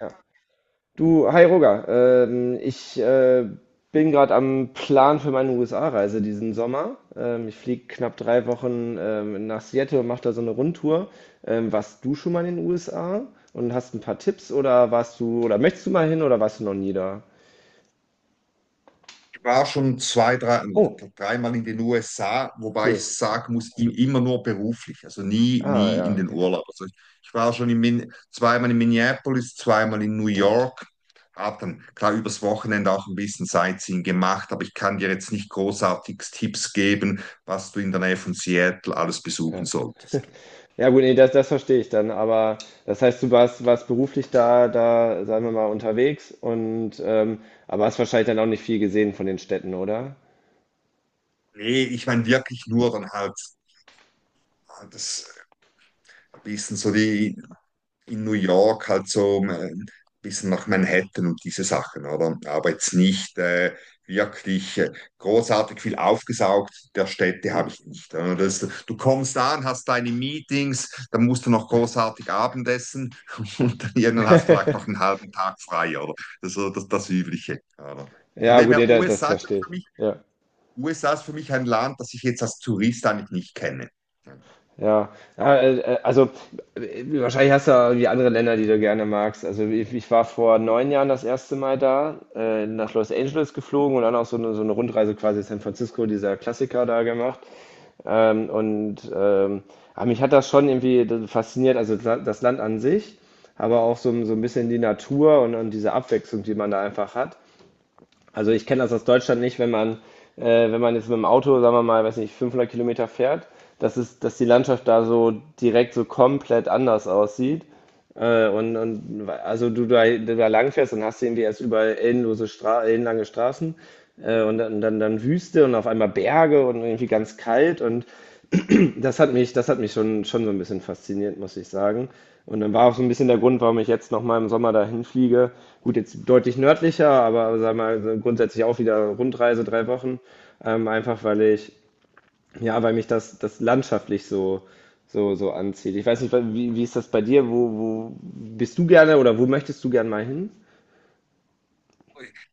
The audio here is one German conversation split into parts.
Ja. Du, hi Roger, ich bin gerade am Plan für meine USA-Reise diesen Sommer. Ich fliege knapp 3 Wochen nach Seattle und mache da so eine Rundtour. Warst du schon mal in den USA und hast ein paar Tipps, oder warst du oder möchtest du mal hin, oder warst du noch nie da? War schon zwei, drei, Oh, dreimal in den USA, wobei ich cool. sagen muss, immer nur beruflich, also nie, Ah, nie ja, in den okay. Urlaub. Also ich war schon in Min zweimal in Minneapolis, zweimal in New York, habe dann klar übers Wochenende auch ein bisschen Sightseeing gemacht, aber ich kann dir jetzt nicht großartig Tipps geben, was du in der Nähe von Seattle alles besuchen Ja, solltest. ja, gut, nee, das verstehe ich dann. Aber das heißt, du warst beruflich da, sagen wir mal, unterwegs, und aber hast wahrscheinlich dann auch nicht viel gesehen von den Städten, oder? Nee, ich meine wirklich nur dann halt das ein bisschen so die in New York halt so ein bisschen nach Manhattan und diese Sachen, oder? Aber jetzt nicht wirklich großartig viel aufgesaugt der Städte Hm. habe ich nicht, oder? Das, du kommst an, hast deine Meetings, dann musst du noch großartig Abendessen und dann irgendwann hast du vielleicht noch einen halben Tag frei, oder? Das ist so das Übliche, oder? Von Ja, dem gut, her, jeder USA das ist versteht. für mich, Ja, USA ist für mich ein Land, das ich jetzt als Tourist eigentlich nicht kenne. Ja. ja. Ja, also wahrscheinlich hast du ja irgendwie andere Länder, die du gerne magst. Also ich war vor 9 Jahren das erste Mal da, nach Los Angeles geflogen, und dann auch so eine Rundreise, quasi San Francisco, dieser Klassiker da gemacht. Ähm, und ähm, aber mich hat das schon irgendwie fasziniert, also das Land an sich, aber auch so, ein bisschen die Natur, und diese Abwechslung, die man da einfach hat. Also ich kenne das aus Deutschland nicht, wenn man jetzt mit dem Auto, sagen wir mal, weiß nicht, 500 Kilometer fährt, dass die Landschaft da so direkt so komplett anders aussieht. Und, also du da, langfährst, dann hast du irgendwie erst überall endlose Stra ellenlange Straßen, und dann Wüste und auf einmal Berge und irgendwie ganz kalt, und das hat mich schon so ein bisschen fasziniert, muss ich sagen. Und dann war auch so ein bisschen der Grund, warum ich jetzt nochmal im Sommer dahin fliege. Gut, jetzt deutlich nördlicher, aber sag mal, so grundsätzlich auch wieder Rundreise, 3 Wochen. Einfach weil ja, weil mich das landschaftlich so anzieht. Ich weiß nicht, wie ist das bei dir? Wo bist du gerne, oder wo möchtest du gerne mal hin?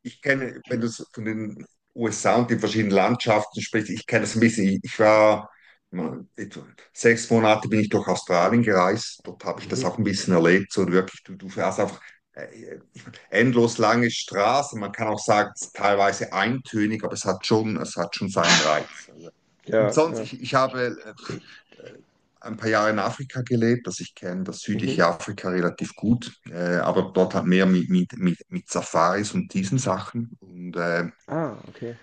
Ich kenne, wenn du so von den USA und den verschiedenen Landschaften sprichst, ich kenne das ein bisschen. Ich war mal, etwa 6 Monate bin ich durch Australien gereist. Dort habe ich das auch ein bisschen erlebt. So wirklich, du fährst einfach äh, endlos lange Straßen. Man kann auch sagen, es ist teilweise eintönig, aber es hat schon seinen Reiz. Also, Ja, und sonst, ja. ich habe äh, ein paar Jahre in Afrika gelebt, dass ich kenne das südliche Mhm. Afrika relativ gut, aber dort halt mehr mit Safaris und diesen Sachen. Und Ah, okay.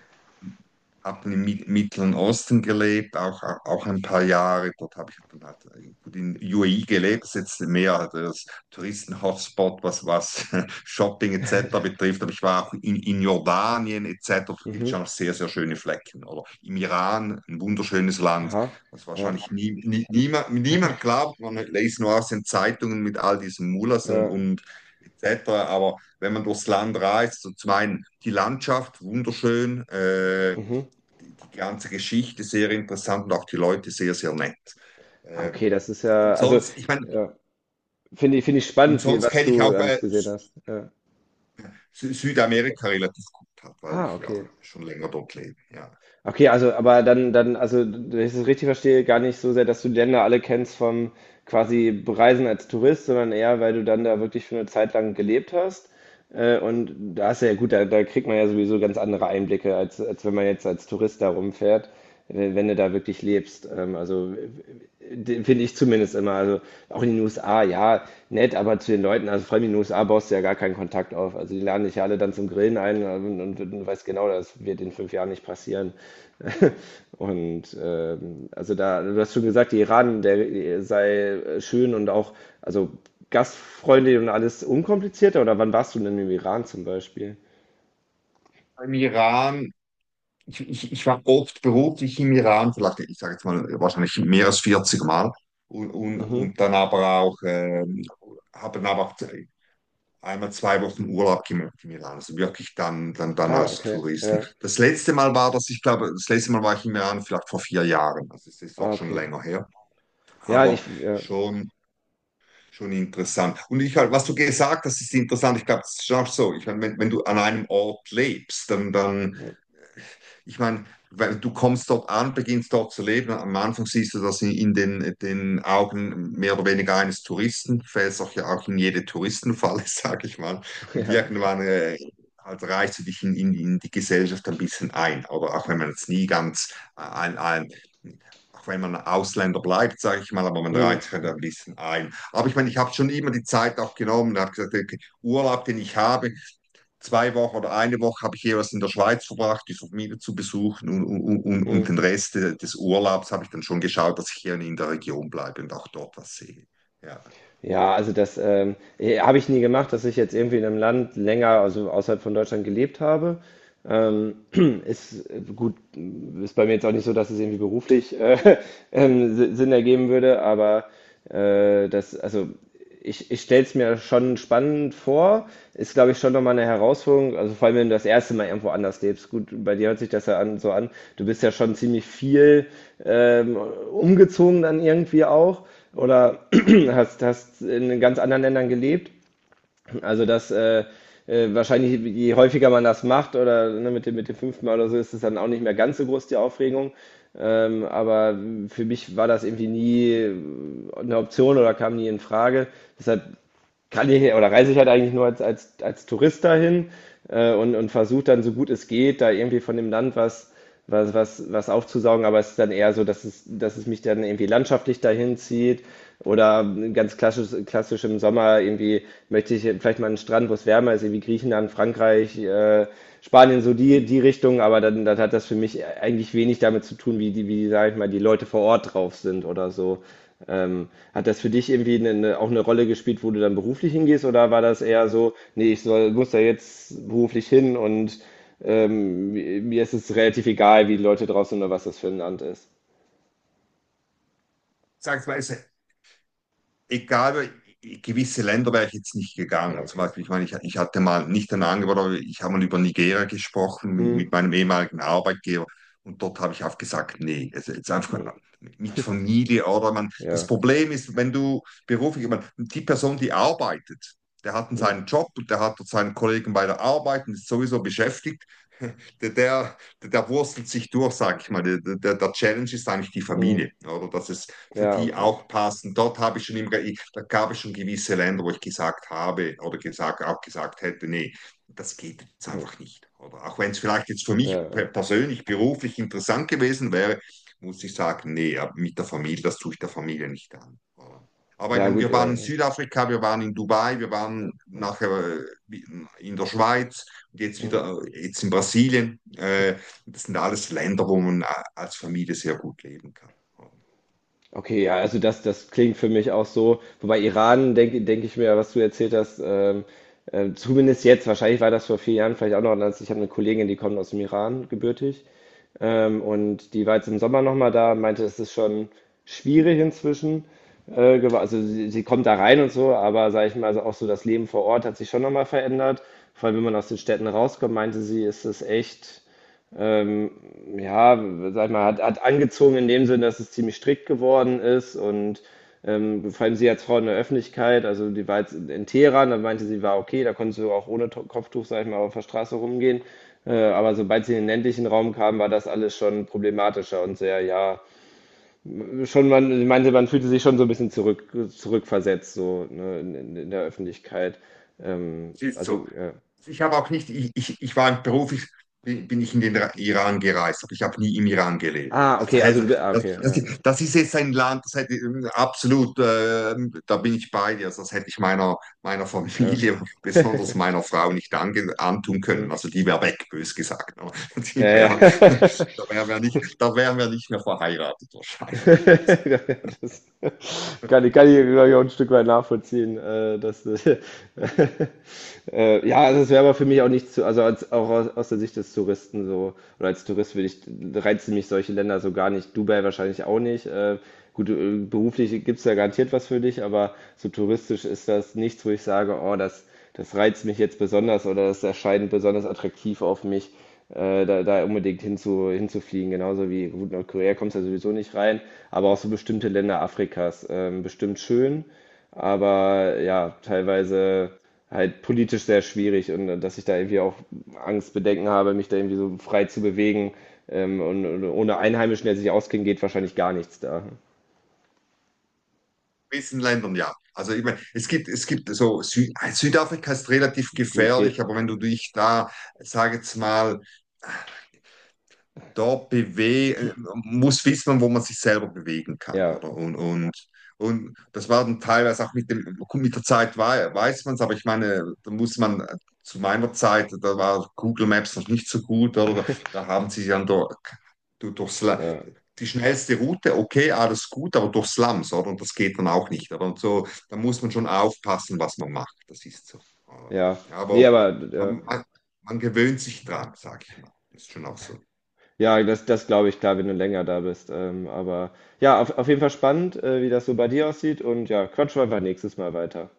habe im Mittleren Osten gelebt, auch ein paar Jahre. Dort habe ich dann halt gut in UAE gelebt, das ist jetzt mehr halt das Touristen-Hotspot, was, was Shopping etc. betrifft. Aber ich war auch in Jordanien etc. Da gibt es Mhm. schon noch sehr, sehr schöne Flecken. Oder im Iran, ein wunderschönes Land, Aha. was Ja. wahrscheinlich nie, nie, niemand, niemand glaubt. Man liest nur aus den Zeitungen mit all diesen Mullahs und, Äh, und etc. Aber wenn man durchs Land reist, so zum einen die Landschaft, wunderschön, mhm. die, die ganze Geschichte sehr interessant und auch die Leute sehr, sehr nett. Ah, okay, Ähm, das ist ja, und also, sonst, ich meine, ja. Finde ich und spannend, sonst was kenne ich du auch alles gesehen hast. Ja. Südamerika relativ gut, halt, weil Ah, ich okay. ja schon länger dort lebe. Ja. Okay, also, aber also, wenn ich das richtig verstehe, gar nicht so sehr, dass du die Länder alle kennst vom quasi Bereisen als Tourist, sondern eher, weil du dann da wirklich für eine Zeit lang gelebt hast. Und da ist ja gut, da kriegt man ja sowieso ganz andere Einblicke, als wenn man jetzt als Tourist da rumfährt, wenn du da wirklich lebst. Also finde ich zumindest immer. Also auch in den USA, ja, nett, aber zu den Leuten, also vor allem in den USA baust du ja gar keinen Kontakt auf. Also die laden dich ja alle dann zum Grillen ein, und, und weißt genau, das wird in 5 Jahren nicht passieren. Und also da, du hast schon gesagt, die Iran, der sei schön und auch, also gastfreundlich und alles unkomplizierter? Oder wann warst du denn im Iran zum Beispiel? Im Iran, ich war oft beruflich im Iran, vielleicht, ich sage jetzt mal, wahrscheinlich mehr als 40 Mal. Und, und, Mhm. und dann aber auch, habe dann aber auch einmal 2 Wochen Urlaub gemacht in Milan. Also wirklich dann Ah, als okay. Touristen. Ja. Das letzte Mal war das, ich glaube, das letzte Mal war ich in Milan vielleicht vor 4 Jahren. Also es ist Ah, auch schon okay. länger her. Ja, Aber ja. schon, schon interessant. Und ich halt, was du gesagt hast, ist interessant. Ich glaube, es ist schon auch so. Ich meine, wenn du an einem Ort lebst, dann ich meine, weil du kommst dort an, beginnst dort zu leben. Am Anfang siehst du das in den, den Augen mehr oder weniger eines Touristen, fällst auch ja auch in jede Touristenfalle, sage ich mal. Und Ja. irgendwann halt reichst du dich in die Gesellschaft ein bisschen ein. Aber auch wenn man jetzt nie ganz ein auch wenn man Ausländer bleibt, sage ich mal, aber man reizt sich Mhm. halt ein bisschen ein. Aber ich meine, ich habe schon immer die Zeit auch genommen, habe gesagt, okay, Urlaub, den ich habe, 2 Wochen oder eine Woche habe ich jeweils in der Schweiz verbracht, die Familie zu besuchen und den Mhm. Rest des Urlaubs habe ich dann schon geschaut, dass ich hier in der Region bleibe und auch dort was sehe. Ja. Ja, also das habe ich nie gemacht, dass ich jetzt irgendwie in einem Land länger, also außerhalb von Deutschland gelebt habe. Ähm, Ist gut, ist bei mir jetzt auch nicht so, dass es irgendwie beruflich Sinn ergeben würde, aber also ich stelle es mir schon spannend vor. Ist, glaube ich, schon nochmal eine Herausforderung. Also vor allem, wenn du das erste Mal irgendwo anders lebst. Gut, bei dir hört sich das ja an, so an. Du bist ja schon ziemlich viel umgezogen dann irgendwie auch. Oder hast in ganz anderen Ländern gelebt. Also das wahrscheinlich, je häufiger man das macht, oder ne, mit dem fünften Mal oder so, ist es dann auch nicht mehr ganz so groß die Aufregung. Aber für mich war das irgendwie nie eine Option oder kam nie in Frage. Deshalb oder reise ich halt eigentlich nur als, als Tourist dahin, und, versuche dann so gut es geht, da irgendwie von dem Land was aufzusaugen, aber es ist dann eher so, dass es mich dann irgendwie landschaftlich dahin zieht, oder ganz klassisch im Sommer irgendwie möchte ich vielleicht mal einen Strand, wo es wärmer ist, irgendwie Griechenland, Frankreich, Spanien, so die Richtung, aber dann hat das für mich eigentlich wenig damit zu tun, wie, sag ich mal, die Leute vor Ort drauf sind oder so. Hat das für dich irgendwie auch eine Rolle gespielt, wo du dann beruflich hingehst, oder war das eher so, nee, ich muss da jetzt beruflich hin und mir ist es relativ egal, wie die Leute draußen oder was das für ein Land ist? Sag mal, es egal, gewisse Länder wäre ich jetzt nicht Ja, ja, gegangen. Zum okay. Beispiel, ich meine, ich hatte mal nicht ein Angebot, aber ich habe mal über Nigeria gesprochen mit, Hm, mit meinem ehemaligen Arbeitgeber und dort habe ich auch gesagt, nee, es ist einfach hm, mit Familie oder man. Das ja, Problem ist, wenn du beruflich, ich meine, die Person, die arbeitet, der hat hm, seinen Job und der hat dort seinen Kollegen bei der Arbeit und ist sowieso beschäftigt. Der wurstelt sich durch, sage ich mal. Der Challenge ist eigentlich die hm, Familie, oder? Das ist, für ja, die okay. auch passen. Dort habe ich schon immer, da gab es schon gewisse Länder, wo ich gesagt habe oder gesagt, auch gesagt hätte, nee, das geht jetzt Hm, einfach nicht. Oder auch wenn es vielleicht jetzt für ja, mich ja, persönlich, beruflich interessant gewesen wäre, muss ich sagen, nee, mit der Familie, das tue ich der Familie nicht an, oder? Aber ich ja, meine, gut, wir waren ja. in Südafrika, wir waren in Dubai, wir waren nachher in der Schweiz und jetzt Hm. wieder jetzt in Brasilien. Das sind alles Länder, wo man als Familie sehr gut leben kann. Okay, ja, also das klingt für mich auch so. Wobei Iran, denk ich mir, was du erzählt hast, zumindest jetzt, wahrscheinlich war das vor 4 Jahren vielleicht auch noch anders. Ich habe eine Kollegin, die kommt aus dem Iran, gebürtig. Und die war jetzt im Sommer nochmal da und meinte, es ist schon schwierig inzwischen. Also sie kommt da rein und so, aber sage ich mal, also auch so das Leben vor Ort hat sich schon nochmal verändert. Vor allem, wenn man aus den Städten rauskommt, meinte sie, ist es echt ähm, ja, sag ich mal, hat angezogen in dem Sinne, dass es ziemlich strikt geworden ist, und vor allem sie als Frau in der Öffentlichkeit, also die war jetzt in Teheran, da meinte sie, war okay, da konntest du auch ohne Kopftuch, sag ich mal, auf der Straße rumgehen. Aber sobald sie in den ländlichen Raum kam, war das alles schon problematischer und sehr, ja, schon sie meinte, man fühlte sich schon so ein bisschen zurückversetzt, so, ne, in, in der Öffentlichkeit. Siehst Also, du, ja. ich habe auch nicht, ich war beruflich, bin ich in den Iran gereist, aber ich habe nie im Iran gelebt. Ah, okay, also Also, du, ah, das, okay, das, ja, ja. das ist jetzt ein Land, das hätte ich absolut, da bin ich bei dir, also das hätte ich meiner Ja. Familie, besonders meiner Frau, nicht antun Hm. können. Also die wäre weg, bös gesagt. Ja, Die ja. wär, da wären wir nicht, da wären wir nicht mehr verheiratet wahrscheinlich. Also, Das kann ich, glaub ich, auch ein Stück weit nachvollziehen, Ja, also es wäre aber für mich auch nicht zu, also auch aus der Sicht des Touristen so, oder als Tourist reizen mich solche Länder so gar nicht. Dubai wahrscheinlich auch nicht. Gut, beruflich gibt es da garantiert was für dich, aber so touristisch ist das nichts, wo ich sage, oh, das reizt mich jetzt besonders, oder das erscheint besonders attraktiv auf mich, da unbedingt hinzufliegen. Genauso wie gut, Nordkorea kommst du ja sowieso nicht rein, aber auch so bestimmte Länder Afrikas, bestimmt schön, aber ja, teilweise halt politisch sehr schwierig, und dass ich da irgendwie auch Angst, Bedenken habe, mich da irgendwie so frei zu bewegen. Und, ohne Einheimischen, der sich auskennt, geht wahrscheinlich gar nichts da. gewissen Ländern, ja. Also ich meine, es gibt so, Sü Südafrika ist relativ Gut, geht. gefährlich, aber wenn du dich da, sag jetzt mal, da bewe muss wissen, wo man sich selber bewegen kann, Ja, oder? Und, und das war dann teilweise auch mit dem, mit der Zeit weiß man es, aber ich meine, da muss man zu meiner Zeit, da war Google Maps noch nicht so gut, oder? Da haben sie dann durch ja, die schnellste Route, okay, alles gut, aber durch Slums, oder? Und das geht dann auch nicht, oder? Und so, da muss man schon aufpassen, was man macht, das ist so, oder? ja. Nee, Aber aber man, man, man gewöhnt sich dran, sag ich mal. Das ist schon auch so. ja, das glaube ich, klar, wenn du länger da bist. Aber ja, auf jeden Fall spannend, wie das so bei dir aussieht. Und ja, quatschen wir einfach nächstes Mal weiter.